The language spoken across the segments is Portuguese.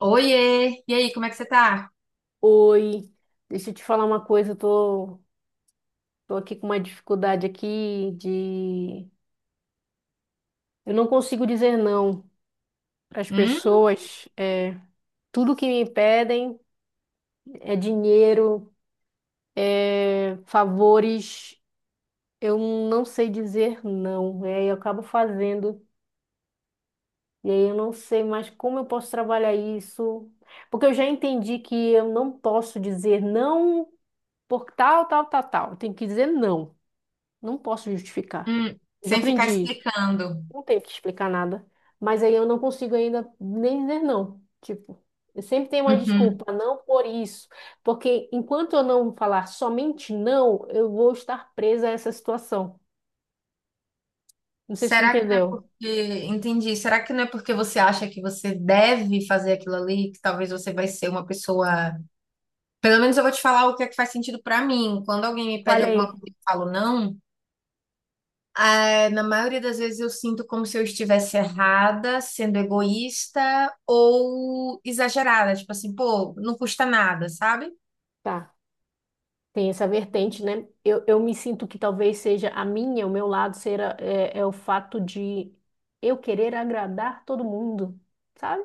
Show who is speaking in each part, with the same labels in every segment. Speaker 1: Oiê! E aí, como é que você tá?
Speaker 2: Oi, deixa eu te falar uma coisa, eu tô aqui com uma dificuldade aqui de... Eu não consigo dizer não às
Speaker 1: Hum?
Speaker 2: pessoas. Tudo que me pedem é dinheiro, é favores, eu não sei dizer não. E aí eu acabo fazendo, e aí eu não sei mais como eu posso trabalhar isso, porque eu já entendi que eu não posso dizer não por tal, tal, tal, tal. Eu tenho que dizer não, não posso justificar.
Speaker 1: Hum.
Speaker 2: Eu já
Speaker 1: Sem ficar
Speaker 2: aprendi isso.
Speaker 1: explicando.
Speaker 2: Não tenho que explicar nada. Mas aí eu não consigo ainda nem dizer não. Tipo, eu sempre tenho uma
Speaker 1: Uhum.
Speaker 2: desculpa, não por isso. Porque enquanto eu não falar somente não, eu vou estar presa a essa situação. Não sei se tu
Speaker 1: Será que não é
Speaker 2: entendeu.
Speaker 1: porque. Entendi. Será que não é porque você acha que você deve fazer aquilo ali, que talvez você vai ser uma pessoa. Pelo menos eu vou te falar o que é que faz sentido pra mim. Quando alguém me pede alguma
Speaker 2: Falei,
Speaker 1: coisa e eu falo não, ah, na maioria das vezes eu sinto como se eu estivesse errada, sendo egoísta ou exagerada. Tipo assim, pô, não custa nada, sabe?
Speaker 2: tá. Tem essa vertente, né? Eu me sinto que talvez seja a minha, o meu lado, será, é o fato de eu querer agradar todo mundo, sabe?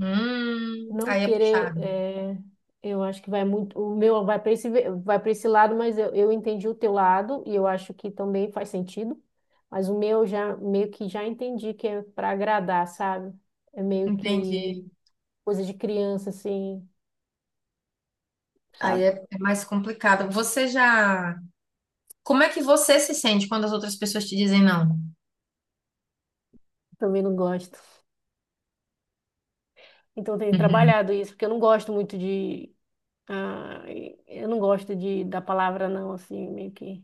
Speaker 2: Não
Speaker 1: Aí é
Speaker 2: querer,
Speaker 1: puxado.
Speaker 2: eu acho que vai muito, o meu vai para esse lado, mas eu entendi o teu lado e eu acho que também faz sentido, mas o meu já meio que já entendi que é para agradar, sabe? É meio que
Speaker 1: Entendi.
Speaker 2: coisa de criança, assim,
Speaker 1: Aí é
Speaker 2: sabe?
Speaker 1: é mais complicado. Você já. Como é que você se sente quando as outras pessoas te dizem não?
Speaker 2: Também não gosto. Então eu tenho
Speaker 1: Uhum.
Speaker 2: trabalhado isso, porque eu não gosto muito de, ah, eu não gosto de da palavra não, assim, meio que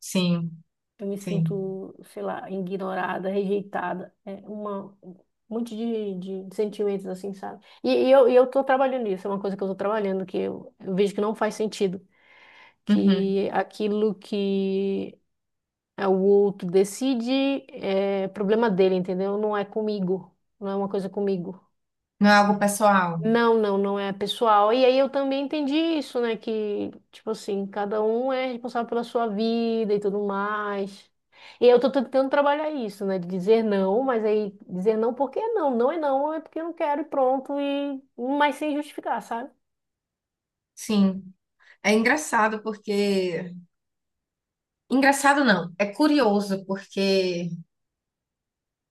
Speaker 1: Sim,
Speaker 2: eu me
Speaker 1: sim.
Speaker 2: sinto, sei lá, ignorada, rejeitada. É uma, um monte de sentimentos assim, sabe? E eu tô trabalhando nisso, é uma coisa que eu tô trabalhando, que eu vejo que não faz sentido.
Speaker 1: Uhum.
Speaker 2: Que aquilo que é o outro decide é problema dele, entendeu? Não é comigo. Não é uma coisa comigo.
Speaker 1: Não é algo pessoal?
Speaker 2: Não, não, não é pessoal. E aí eu também entendi isso, né? Que, tipo assim, cada um é responsável pela sua vida e tudo mais. E eu tô tentando trabalhar isso, né? De dizer não, mas aí dizer não porque é não. Não é não, é porque eu não quero e pronto. E... mas sem justificar, sabe?
Speaker 1: Sim. É engraçado porque. Engraçado não, é curioso porque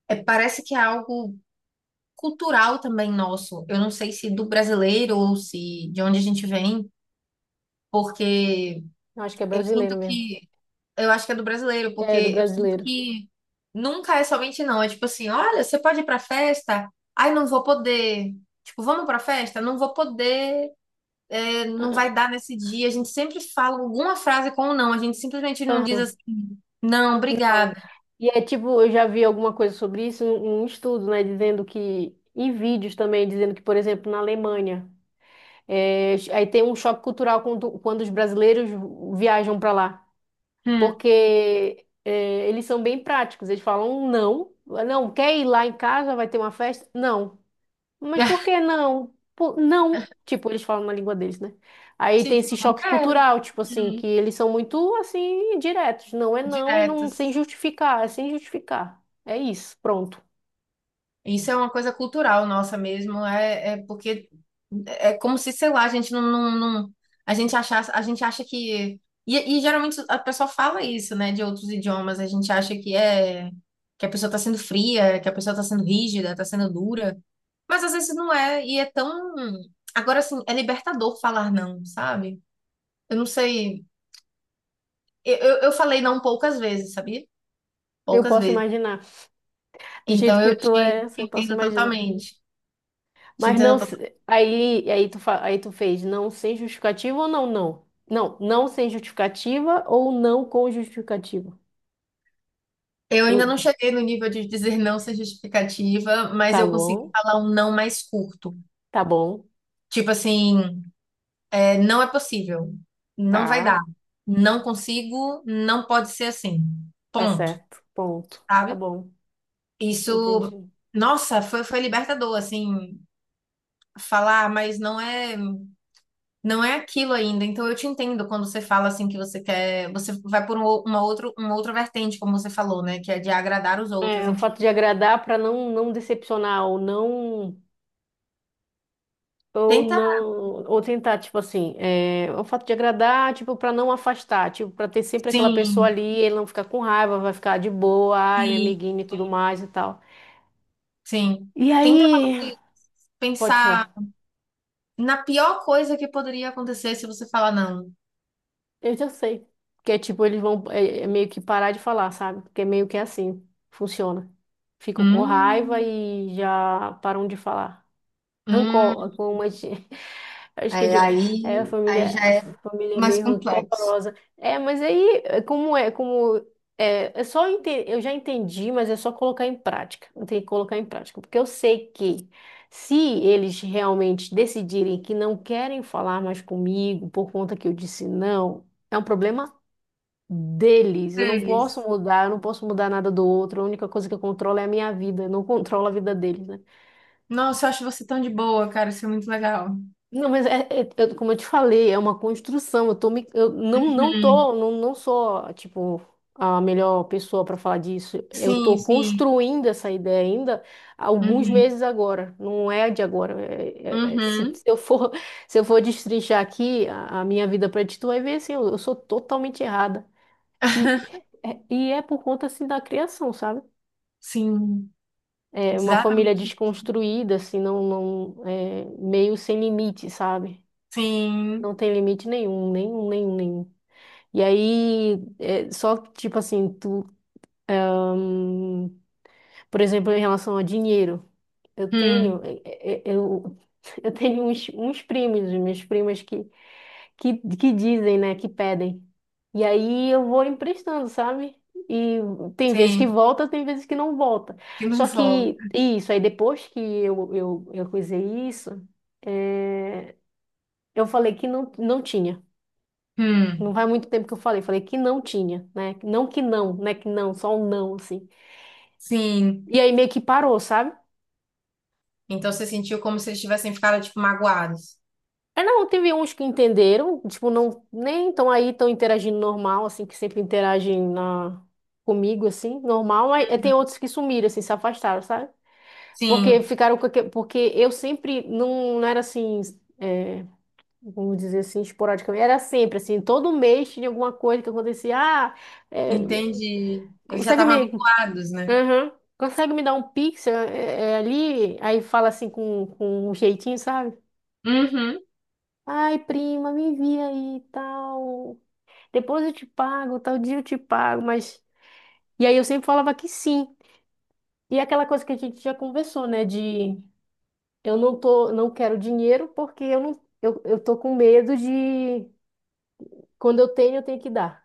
Speaker 1: parece que é algo cultural também nosso. Eu não sei se do brasileiro ou se de onde a gente vem, porque
Speaker 2: Eu acho que é
Speaker 1: eu sinto
Speaker 2: brasileiro mesmo.
Speaker 1: que eu acho que é do brasileiro, porque
Speaker 2: É, do
Speaker 1: eu sinto
Speaker 2: brasileiro.
Speaker 1: que nunca é somente não. É tipo assim, olha, você pode ir pra festa? Ai, não vou poder. Tipo, vamos pra festa? Não vou poder, é, não vai
Speaker 2: Ah,
Speaker 1: dar nesse dia. A gente sempre fala alguma frase com o não. A gente simplesmente não diz
Speaker 2: aham.
Speaker 1: assim, não,
Speaker 2: Não.
Speaker 1: obrigada.
Speaker 2: E é tipo, eu já vi alguma coisa sobre isso, um estudo, né? Dizendo que. Em vídeos também, dizendo que, por exemplo, na Alemanha. É, aí tem um choque cultural quando os brasileiros viajam para lá,
Speaker 1: Hum.
Speaker 2: porque é, eles são bem práticos. Eles falam um não, não quer ir lá em casa, vai ter uma festa? Não. Mas por que não? Não. Tipo, eles falam na língua deles, né? Aí tem
Speaker 1: Tipo,
Speaker 2: esse
Speaker 1: não
Speaker 2: choque
Speaker 1: quero.
Speaker 2: cultural, tipo assim,
Speaker 1: Hum.
Speaker 2: que eles são muito assim diretos. Não é não e
Speaker 1: Direto.
Speaker 2: não sem justificar, é sem justificar. É isso, pronto.
Speaker 1: Isso é uma coisa cultural nossa mesmo, é, é porque é como se, sei lá, a gente a gente achasse, a gente acha que e geralmente a pessoa fala isso, né, de outros idiomas, a gente acha que é que a pessoa está sendo fria, que a pessoa está sendo rígida, está sendo dura, mas às vezes não é e é tão agora assim, é libertador falar não, sabe? Eu não sei, eu falei não poucas vezes, sabia?
Speaker 2: Eu
Speaker 1: Poucas
Speaker 2: posso
Speaker 1: vezes.
Speaker 2: imaginar. Do jeito
Speaker 1: Então
Speaker 2: que
Speaker 1: eu te
Speaker 2: tu
Speaker 1: te
Speaker 2: é, eu posso
Speaker 1: entendo
Speaker 2: imaginar.
Speaker 1: totalmente. Te
Speaker 2: Mas não,
Speaker 1: entendo.
Speaker 2: aí, aí tu fez não sem justificativa ou não, não? Não, não sem justificativa ou não com justificativa?
Speaker 1: Eu ainda
Speaker 2: Hum,
Speaker 1: não cheguei no nível de dizer não sem justificativa, mas
Speaker 2: Tá
Speaker 1: eu consegui
Speaker 2: bom,
Speaker 1: falar um não mais curto.
Speaker 2: tá bom,
Speaker 1: Tipo assim, é, não é possível, não vai
Speaker 2: tá,
Speaker 1: dar, não consigo, não pode ser assim.
Speaker 2: tá
Speaker 1: Ponto,
Speaker 2: certo, ponto, tá
Speaker 1: sabe?
Speaker 2: bom,
Speaker 1: Isso,
Speaker 2: entendi.
Speaker 1: nossa, foi libertador, assim, falar, mas não é aquilo ainda. Então eu te entendo quando você fala assim que você quer, você vai por uma outra vertente, como você falou, né? Que é de agradar os outros,
Speaker 2: É, o
Speaker 1: enfim.
Speaker 2: fato de agradar para não, não decepcionar ou não, ou
Speaker 1: Tenta,
Speaker 2: não, ou tentar, tipo assim, é, o fato de agradar, tipo, para não afastar, tipo, para ter sempre aquela pessoa
Speaker 1: sim.
Speaker 2: ali, ele não ficar com raiva, vai ficar de boa, ai, minha
Speaker 1: Sim,
Speaker 2: amiguinha e tudo mais e tal.
Speaker 1: sim.
Speaker 2: E
Speaker 1: Tenta
Speaker 2: aí,
Speaker 1: talvez,
Speaker 2: pode
Speaker 1: pensar
Speaker 2: falar.
Speaker 1: na pior coisa que poderia acontecer se você falar não.
Speaker 2: Eu já sei. Que é tipo, eles vão é, é meio que parar de falar, sabe? Porque é meio que assim. Funciona. Ficam com raiva
Speaker 1: Hum,
Speaker 2: e já param de falar.
Speaker 1: hum,
Speaker 2: Rancor, como a gente. Acho que é
Speaker 1: é,
Speaker 2: de- é, a
Speaker 1: aí,
Speaker 2: família,
Speaker 1: já
Speaker 2: a
Speaker 1: é
Speaker 2: família é
Speaker 1: mais
Speaker 2: meio
Speaker 1: complexo.
Speaker 2: rancorosa. É, mas aí, é só eu já entendi, mas é só colocar em prática. Eu tenho que colocar em prática, porque eu sei que se eles realmente decidirem que não querem falar mais comigo por conta que eu disse não, é um problema deles. Eu não posso
Speaker 1: Deles.
Speaker 2: mudar, eu não posso mudar nada do outro. A única coisa que eu controlo é a minha vida, eu não controlo a vida deles, né?
Speaker 1: Nossa, eu acho você tão de boa, cara. Isso é muito legal.
Speaker 2: Não, mas é, como eu te falei, é uma construção. Eu tô me, eu não, não
Speaker 1: Uhum.
Speaker 2: tô, não, não sou, tipo, a melhor pessoa para falar disso. Eu tô
Speaker 1: Sim, sim.
Speaker 2: construindo essa ideia ainda há alguns
Speaker 1: Uhum.
Speaker 2: meses agora. Não é de agora. Se,
Speaker 1: Uhum.
Speaker 2: se eu for, se eu for destrinchar aqui a minha vida para ti, tu vai ver assim, eu sou totalmente errada. E, e é por conta assim da criação, sabe?
Speaker 1: Sim.
Speaker 2: É uma família
Speaker 1: Exatamente.
Speaker 2: desconstruída, assim, não, não, é, meio sem limite, sabe?
Speaker 1: Sim.
Speaker 2: Não tem limite nenhum, nenhum, nenhum, nenhum. E aí, é só tipo assim, tu, hum, por exemplo, em relação a dinheiro, eu
Speaker 1: Hum.
Speaker 2: tenho, eu, eu tenho uns primos, minhas primas que dizem, né, que pedem. E aí eu vou emprestando, sabe? E tem vezes que
Speaker 1: Sim.
Speaker 2: volta, tem vezes que não volta.
Speaker 1: Que não
Speaker 2: Só que
Speaker 1: volta.
Speaker 2: isso, aí depois que eu coisei isso, é, eu falei que não, não tinha. Não
Speaker 1: Hum.
Speaker 2: faz muito tempo que eu falei, falei que não tinha, né? Não que não, né? Que não, só um não, assim.
Speaker 1: Sim.
Speaker 2: E aí meio que parou, sabe?
Speaker 1: Então você sentiu como se eles tivessem ficado, tipo, magoados.
Speaker 2: Aí não, teve uns que entenderam, tipo, não, nem estão aí, tão interagindo normal, assim, que sempre interagem na, comigo, assim, normal. Aí tem outros que sumiram, assim, se afastaram, sabe? Porque
Speaker 1: Sim.
Speaker 2: ficaram com porque eu sempre não, não era assim, é, vamos dizer assim, esporadicamente, era sempre assim, todo mês tinha alguma coisa que acontecia, ah, é,
Speaker 1: Entendi. Eles já
Speaker 2: consegue
Speaker 1: estavam
Speaker 2: me,
Speaker 1: habituados, né?
Speaker 2: aham. Consegue me dar um pix ali? Aí fala assim com um jeitinho, sabe?
Speaker 1: Uhum.
Speaker 2: Ai, prima, me envia aí e tal. Depois eu te pago, tal dia eu te pago, mas. E aí eu sempre falava que sim. E é aquela coisa que a gente já conversou, né? De eu não tô, não quero dinheiro porque eu não, eu tô com medo de quando eu tenho que dar.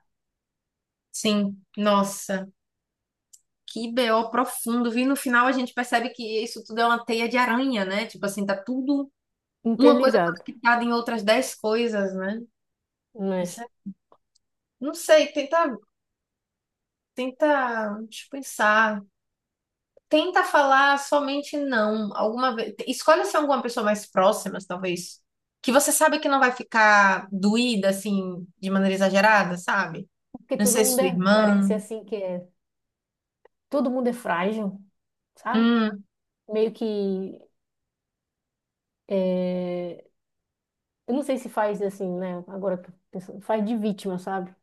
Speaker 1: Sim. Nossa, que BO profundo. Vi no final a gente percebe que isso tudo é uma teia de aranha, né? Tipo assim, tá tudo uma coisa
Speaker 2: Interligado,
Speaker 1: conectada em outras dez coisas, né?
Speaker 2: né?
Speaker 1: Isso é- Não sei, tenta, tenta, deixa eu pensar. Tenta falar somente não. Alguma vez, escolha ser alguma pessoa mais próxima, talvez, que você sabe que não vai ficar doída assim de maneira exagerada, sabe?
Speaker 2: Porque
Speaker 1: Não
Speaker 2: todo
Speaker 1: sei,
Speaker 2: mundo
Speaker 1: sua
Speaker 2: é, parece
Speaker 1: irmã.
Speaker 2: assim que é, todo mundo é frágil, sabe?
Speaker 1: Hum.
Speaker 2: Meio que é, eu não sei se faz assim, né? Agora que eu tô pensando, faz de vítima, sabe?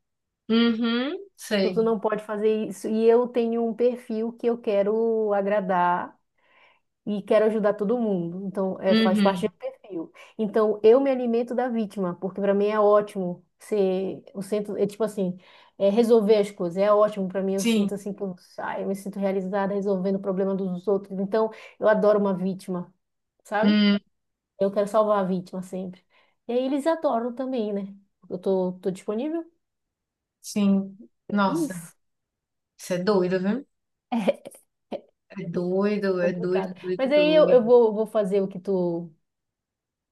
Speaker 1: Uhum,
Speaker 2: Tipo, tu
Speaker 1: sei.
Speaker 2: não pode fazer isso. E eu tenho um perfil que eu quero agradar e quero ajudar todo mundo. Então, é, faz parte
Speaker 1: Uhum,
Speaker 2: do meu perfil. Então, eu me alimento da vítima, porque para mim é ótimo ser o centro, é tipo assim, é resolver as coisas. É ótimo para mim, eu
Speaker 1: sim.
Speaker 2: sinto assim que eu, ai, eu me sinto realizada resolvendo o problema dos outros. Então, eu adoro uma vítima, sabe?
Speaker 1: Hum,
Speaker 2: Eu quero salvar a vítima sempre. E aí eles adoram também, né? Eu tô disponível?
Speaker 1: sim.
Speaker 2: Que
Speaker 1: Nossa,
Speaker 2: isso.
Speaker 1: isso é doido, viu?
Speaker 2: É
Speaker 1: É doido,
Speaker 2: complicado. Mas
Speaker 1: doido,
Speaker 2: aí
Speaker 1: doido.
Speaker 2: vou fazer o que tu,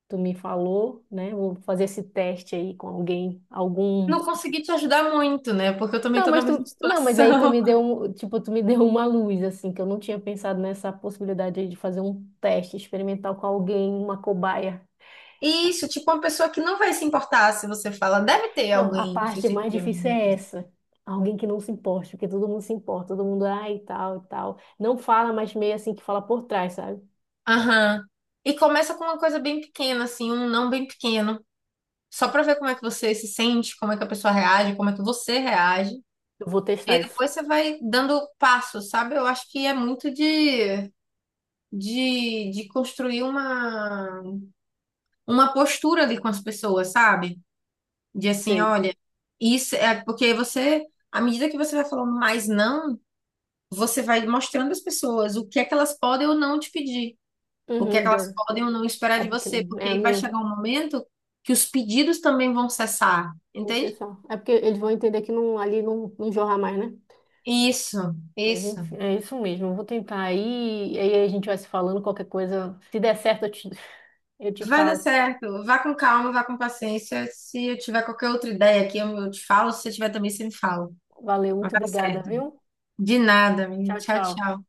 Speaker 2: tu me falou, né? Vou fazer esse teste aí com alguém, algum.
Speaker 1: Não consegui te ajudar muito, né? Porque eu também
Speaker 2: Não,
Speaker 1: tô na
Speaker 2: mas
Speaker 1: mesma
Speaker 2: tu, não, mas aí tu
Speaker 1: situação.
Speaker 2: me deu, tipo, tu me deu uma luz, assim, que eu não tinha pensado nessa possibilidade aí de fazer um teste experimental com alguém, uma cobaia.
Speaker 1: Isso, tipo, uma pessoa que não vai se importar se você fala, deve ter
Speaker 2: Não, a
Speaker 1: alguém no seu
Speaker 2: parte
Speaker 1: círculo
Speaker 2: mais
Speaker 1: de
Speaker 2: difícil é
Speaker 1: amigos.
Speaker 2: essa. Alguém que não se importe, porque todo mundo se importa, todo mundo, ai, e tal, e tal. Não fala, mas meio assim que fala por trás, sabe?
Speaker 1: Aham. E começa com uma coisa bem pequena, assim, um não bem pequeno. Só pra ver como é que você se sente, como é que a pessoa reage, como é que você reage.
Speaker 2: Eu vou testar
Speaker 1: E
Speaker 2: isso.
Speaker 1: depois você vai dando passo, sabe? Eu acho que é muito de, de construir uma postura ali com as pessoas, sabe? De assim,
Speaker 2: Sei.
Speaker 1: olha, isso é porque você, à medida que você vai falando mais não, você vai mostrando às pessoas o que é que elas podem ou não te pedir, o que é que
Speaker 2: Uhum,
Speaker 1: elas
Speaker 2: dano.
Speaker 1: podem ou não esperar
Speaker 2: É
Speaker 1: de
Speaker 2: porque
Speaker 1: você,
Speaker 2: é
Speaker 1: porque
Speaker 2: a
Speaker 1: aí vai
Speaker 2: mesmo.
Speaker 1: chegar um momento que os pedidos também vão cessar,
Speaker 2: Não sei
Speaker 1: entende?
Speaker 2: só. É porque eles vão entender que não, ali não, não jorra mais, né?
Speaker 1: Isso,
Speaker 2: Mas
Speaker 1: isso.
Speaker 2: enfim, é isso mesmo. Eu vou tentar aí, e aí a gente vai se falando qualquer coisa. Se der certo, eu te
Speaker 1: Vai dar
Speaker 2: falo.
Speaker 1: certo. Vá com calma, vá com paciência. Se eu tiver qualquer outra ideia aqui, eu te falo. Se você tiver também, você me fala.
Speaker 2: Valeu,
Speaker 1: Mas vai
Speaker 2: muito
Speaker 1: dar
Speaker 2: obrigada,
Speaker 1: certo.
Speaker 2: viu?
Speaker 1: De nada, menino.
Speaker 2: Tchau,
Speaker 1: Tchau,
Speaker 2: tchau.
Speaker 1: tchau.